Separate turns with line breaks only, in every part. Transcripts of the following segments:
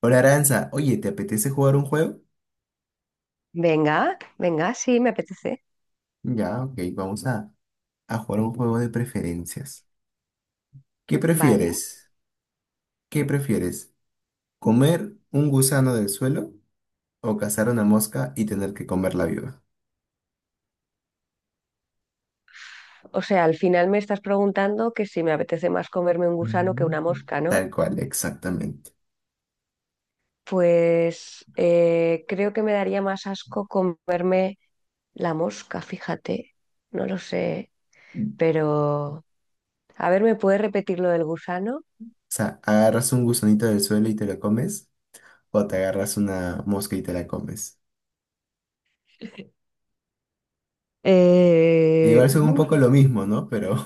Hola Aranza, oye, ¿te apetece jugar un juego?
Venga, venga, sí, me apetece.
Ya, ok, vamos a jugar un juego de preferencias. ¿Qué
Vale.
prefieres? ¿Qué prefieres? ¿Comer un
Sí.
gusano del suelo o cazar una mosca y tener que comerla viva?
O sea, al final me estás preguntando que si me apetece más comerme un gusano que
Mm,
una mosca, ¿no?
Tal cual, exactamente.
Pues creo que me daría más asco comerme la mosca, fíjate. No lo sé, pero... A ver, ¿me puedes repetir lo del gusano?
O sea, agarras un gusanito del suelo y te lo comes o te agarras una mosca y te la comes.
Eh,
Igual son un
buf,
poco lo mismo, ¿no? Pero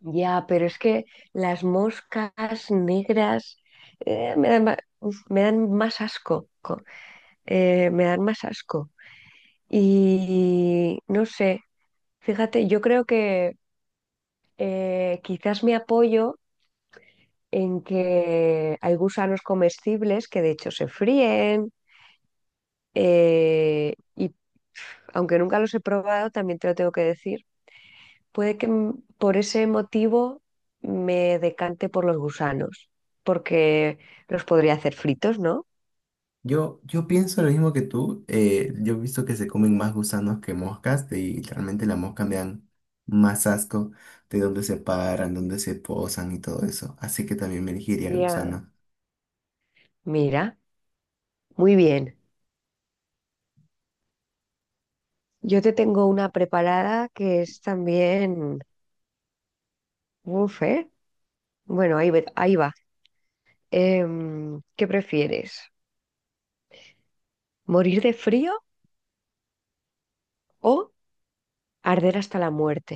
Ya, pero es que las moscas negras me dan, uf, me dan más me dan más asco. Y no sé, fíjate, yo creo que quizás me apoyo en que hay gusanos comestibles que de hecho se fríen y aunque nunca los he probado, también te lo tengo que decir, puede que por ese motivo me decante por los gusanos, porque los podría hacer fritos, ¿no?
yo pienso lo mismo que tú. Yo he visto que se comen más gusanos que moscas y realmente las moscas me dan más asco de dónde se paran, dónde se posan y todo eso. Así que también me elegiría el
Ya.
gusano.
Mira, muy bien. Yo te tengo una preparada que es también... Uf, ¿eh? Bueno, ahí va. ¿Qué prefieres? ¿Morir de frío o arder hasta la muerte?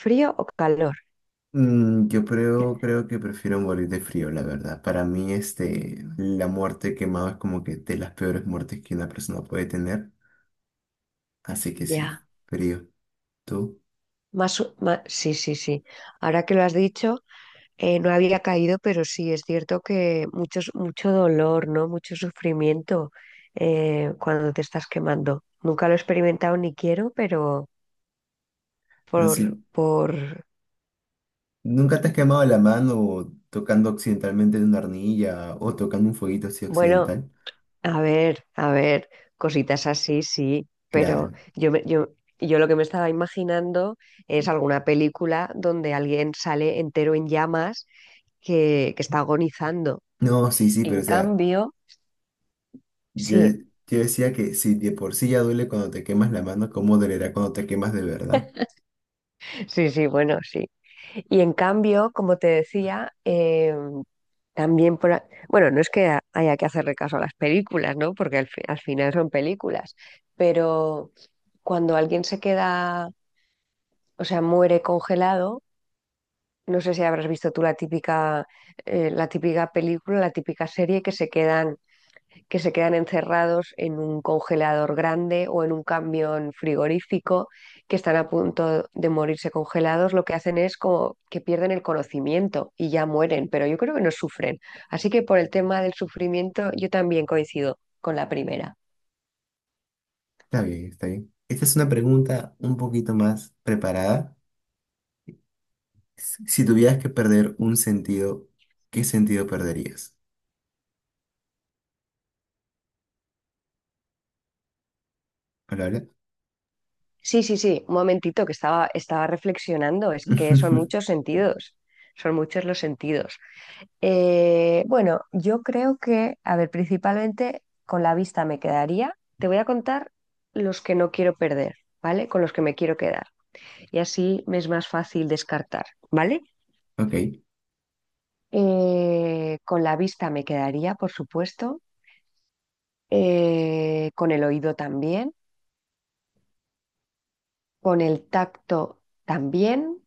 ¿Frío o calor?
Mm, creo que prefiero morir de frío, la verdad. Para mí, este, la muerte quemada es como que de las peores muertes que una persona puede tener. Así que sí,
Ya.
frío. ¿Tú?
Sí, sí, sí. Ahora que lo has dicho, no había caído, pero sí, es cierto que mucho dolor, ¿no? Mucho sufrimiento cuando te estás quemando. Nunca lo he experimentado ni quiero, pero por,
Así,
por,
¿nunca te has quemado la mano tocando accidentalmente en una arnilla o tocando un fueguito así
bueno.
accidental?
A ver, cositas así, sí, pero
Claro.
yo lo que me estaba imaginando es alguna película donde alguien sale entero en llamas que está agonizando.
No, sí, sí, pero
En
o sea,
cambio,
yo,
sí,
yo decía que si de por sí ya duele cuando te quemas la mano, ¿cómo dolerá cuando te quemas de verdad?
sí, sí, bueno, sí. Y en cambio, como te decía, también, bueno, no es que haya que hacerle caso a las películas, ¿no? Porque al final son películas, pero cuando alguien se queda, o sea, muere congelado. No sé si habrás visto tú la típica película, la típica serie que que se quedan encerrados en un congelador grande o en un camión frigorífico, que están a punto de morirse congelados. Lo que hacen es como que pierden el conocimiento y ya mueren, pero yo creo que no sufren. Así que por el tema del sufrimiento, yo también coincido con la primera.
Está bien, está bien. Esta es una pregunta un poquito más preparada. Si tuvieras que perder un sentido, ¿qué sentido perderías? ¿Palabra?
Sí, sí, sí, un momentito que estaba reflexionando, es que son muchos sentidos, son muchos los sentidos. Bueno, yo creo que, a ver, principalmente con la vista me quedaría. Te voy a contar los que no quiero perder, ¿vale? Con los que me quiero quedar. Y así me es más fácil descartar, ¿vale?
Ok.
Con la vista me quedaría, por supuesto. Con el oído también. Con el tacto también.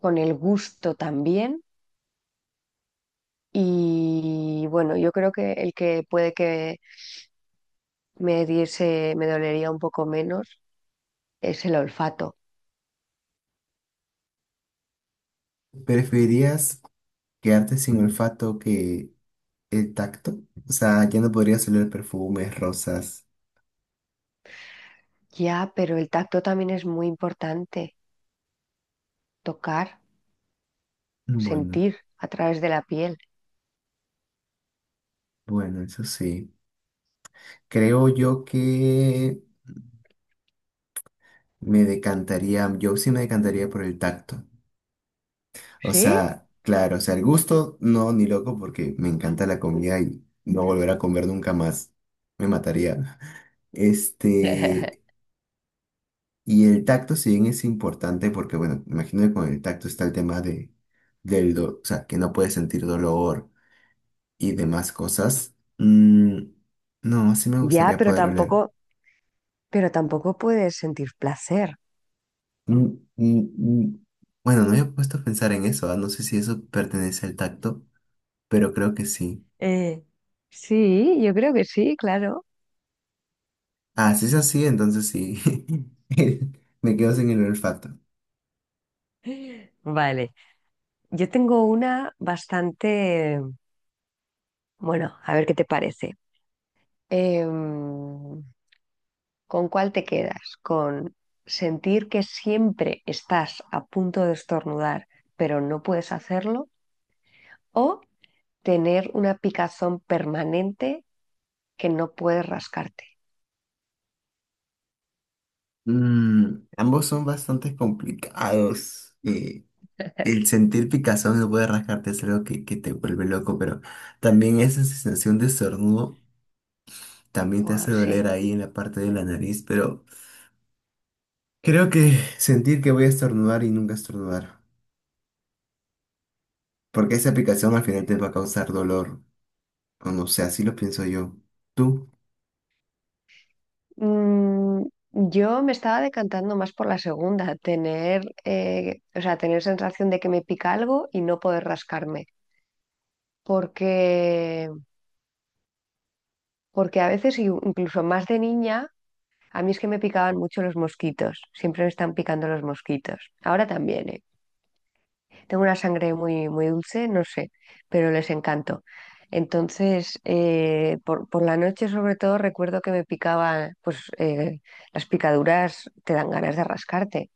Con el gusto también. Y bueno, yo creo que el que puede que me dolería un poco menos es el olfato.
¿Preferirías quedarte sin olfato que el tacto? O sea, ya no podría salir perfumes, rosas.
Ya, pero el tacto también es muy importante. Tocar,
Bueno,
sentir a través de la piel.
bueno, eso sí. Creo yo que yo sí me decantaría por el tacto. O
¿Sí?
sea, claro, o sea, el gusto no, ni loco, porque me encanta la comida y no volver a comer nunca más. Me mataría. Este, y el tacto, si bien es importante, porque bueno, imagino que con el tacto está el tema o sea, que no puedes sentir dolor y demás cosas. No, sí me
Ya,
gustaría poder oler.
pero tampoco puedes sentir placer.
Mm, mm, mm. Bueno, no había puesto a pensar en eso, no sé si eso pertenece al tacto, pero creo que sí.
Eh, Sí, yo creo que sí, claro.
Ah, si es así, entonces sí. Me quedo sin el olfato.
Vale. Yo tengo una bastante, bueno, a ver qué te parece. Em, ¿Con cuál te quedas? ¿Con sentir que siempre estás a punto de estornudar, pero no puedes hacerlo? ¿O tener una picazón permanente que no puedes rascarte?
Mm, ambos son bastante complicados. El sentir picazón no puede rascarte es algo que te vuelve loco, pero también esa sensación de estornudo también te
Wow,
hace doler
sí.
ahí en la parte de la nariz, pero... Creo que sentir que voy a estornudar y nunca estornudar. Porque esa aplicación al final te va a causar dolor. O no sé, así lo pienso yo. ¿Tú?
Mm, yo me estaba decantando más por la segunda, tener, o sea, tener sensación de que me pica algo y no poder rascarme. Porque, porque a veces, incluso más de niña, a mí es que me picaban mucho los mosquitos. Siempre me están picando los mosquitos. Ahora también, ¿eh? Tengo una sangre muy, muy dulce, no sé, pero les encantó. Entonces, por la noche sobre todo recuerdo que me picaba, pues las picaduras te dan ganas de rascarte.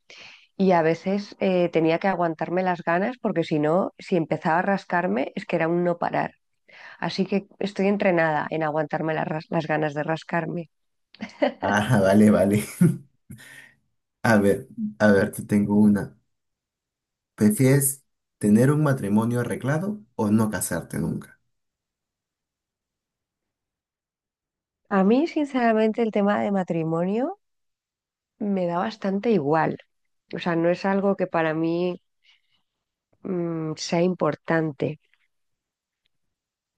Y a veces tenía que aguantarme las ganas porque si no, si empezaba a rascarme, es que era un no parar. Así que estoy entrenada en aguantarme las ganas de rascarme.
Ah, vale, vale. A ver, a ver, te tengo una. ¿Prefieres tener un matrimonio arreglado o no casarte nunca?
A mí, sinceramente, el tema de matrimonio me da bastante igual. O sea, no es algo que para mí sea importante.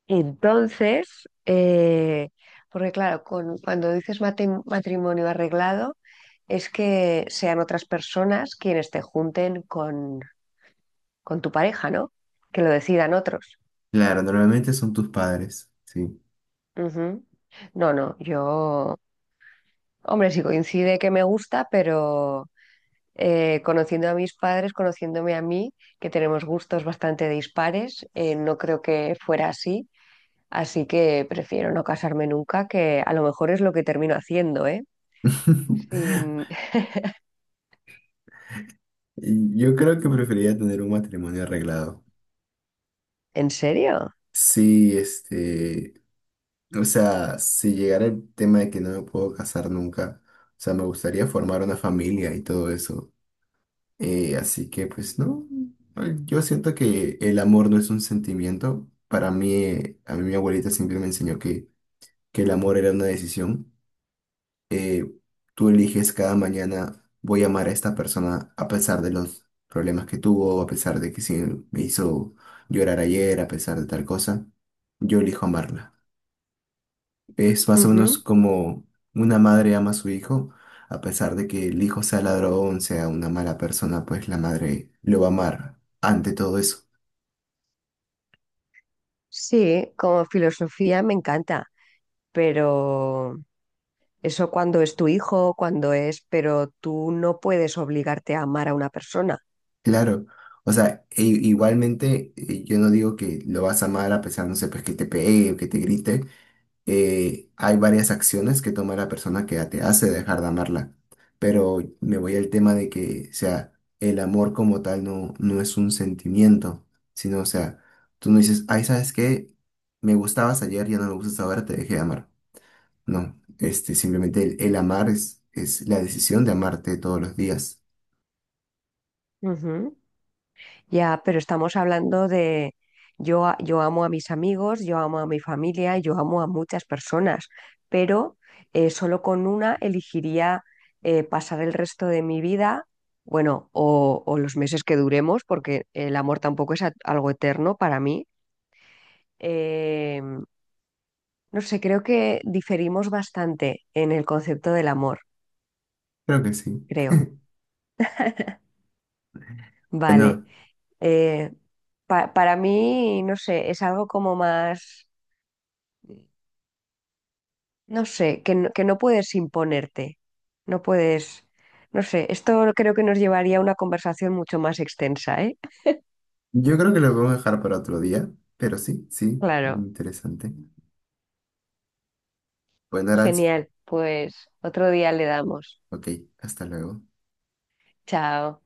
Entonces, porque claro, cuando dices matrimonio arreglado, es que sean otras personas quienes te junten con tu pareja, ¿no? Que lo decidan otros.
Claro, normalmente son tus padres, sí.
Ujú. No, no, yo, hombre, sí coincide que me gusta, pero conociendo a mis padres, conociéndome a mí, que tenemos gustos bastante dispares, no creo que fuera así. Así que prefiero no casarme nunca, que a lo mejor es lo que termino haciendo, ¿eh? Sí,
Yo creo que preferiría tener un matrimonio arreglado.
¿en serio?
Sí, este, o sea, si llegara el tema de que no me puedo casar nunca, o sea, me gustaría formar una familia y todo eso. Así que, pues, no, ay, yo siento que el amor no es un sentimiento. Para mí, a mí mi abuelita siempre me enseñó que el amor era una decisión. Eh, Tú eliges cada mañana, voy a amar a esta persona a pesar de los problemas que tuvo, a pesar de que sí me hizo llorar ayer, a pesar de tal cosa. Yo elijo amarla. Es más o menos
Ujú.
como una madre ama a su hijo, a pesar de que el hijo sea ladrón, sea una mala persona, pues la madre lo va a amar ante todo eso.
Sí, como filosofía me encanta, pero eso cuando es tu hijo, cuando es, pero tú no puedes obligarte a amar a una persona.
Claro, o sea, igualmente yo no digo que lo vas a amar a pesar, no sé, pues que te pegue o que te grite, hay varias acciones que toma la persona que te hace dejar de amarla, pero me voy al tema de que, o sea, el amor como tal no es un sentimiento, sino, o sea, tú no dices, ay, ¿sabes qué? Me gustabas ayer, ya no me gustas ahora, te dejé de amar. No, este, simplemente el amar es la decisión de amarte todos los días.
Ujú. Ya, pero estamos hablando de yo amo a mis amigos, yo amo a mi familia, yo amo a muchas personas, pero solo con una elegiría pasar el resto de mi vida, bueno, o los meses que duremos, porque el amor tampoco es algo eterno para mí. Eh, no sé, creo que diferimos bastante en el concepto del amor,
Creo que sí.
creo. Vale.
Bueno,
Eh, para mí, no sé, es algo como más. No sé, que no puedes imponerte, no puedes, no sé, esto creo que nos llevaría a una conversación mucho más extensa, ¿eh?
yo creo que lo vamos a dejar para otro día, pero sí, sí,
Claro,
interesante. Bueno, Aranza,
genial, pues otro día le damos.
ok, hasta luego.
Chao.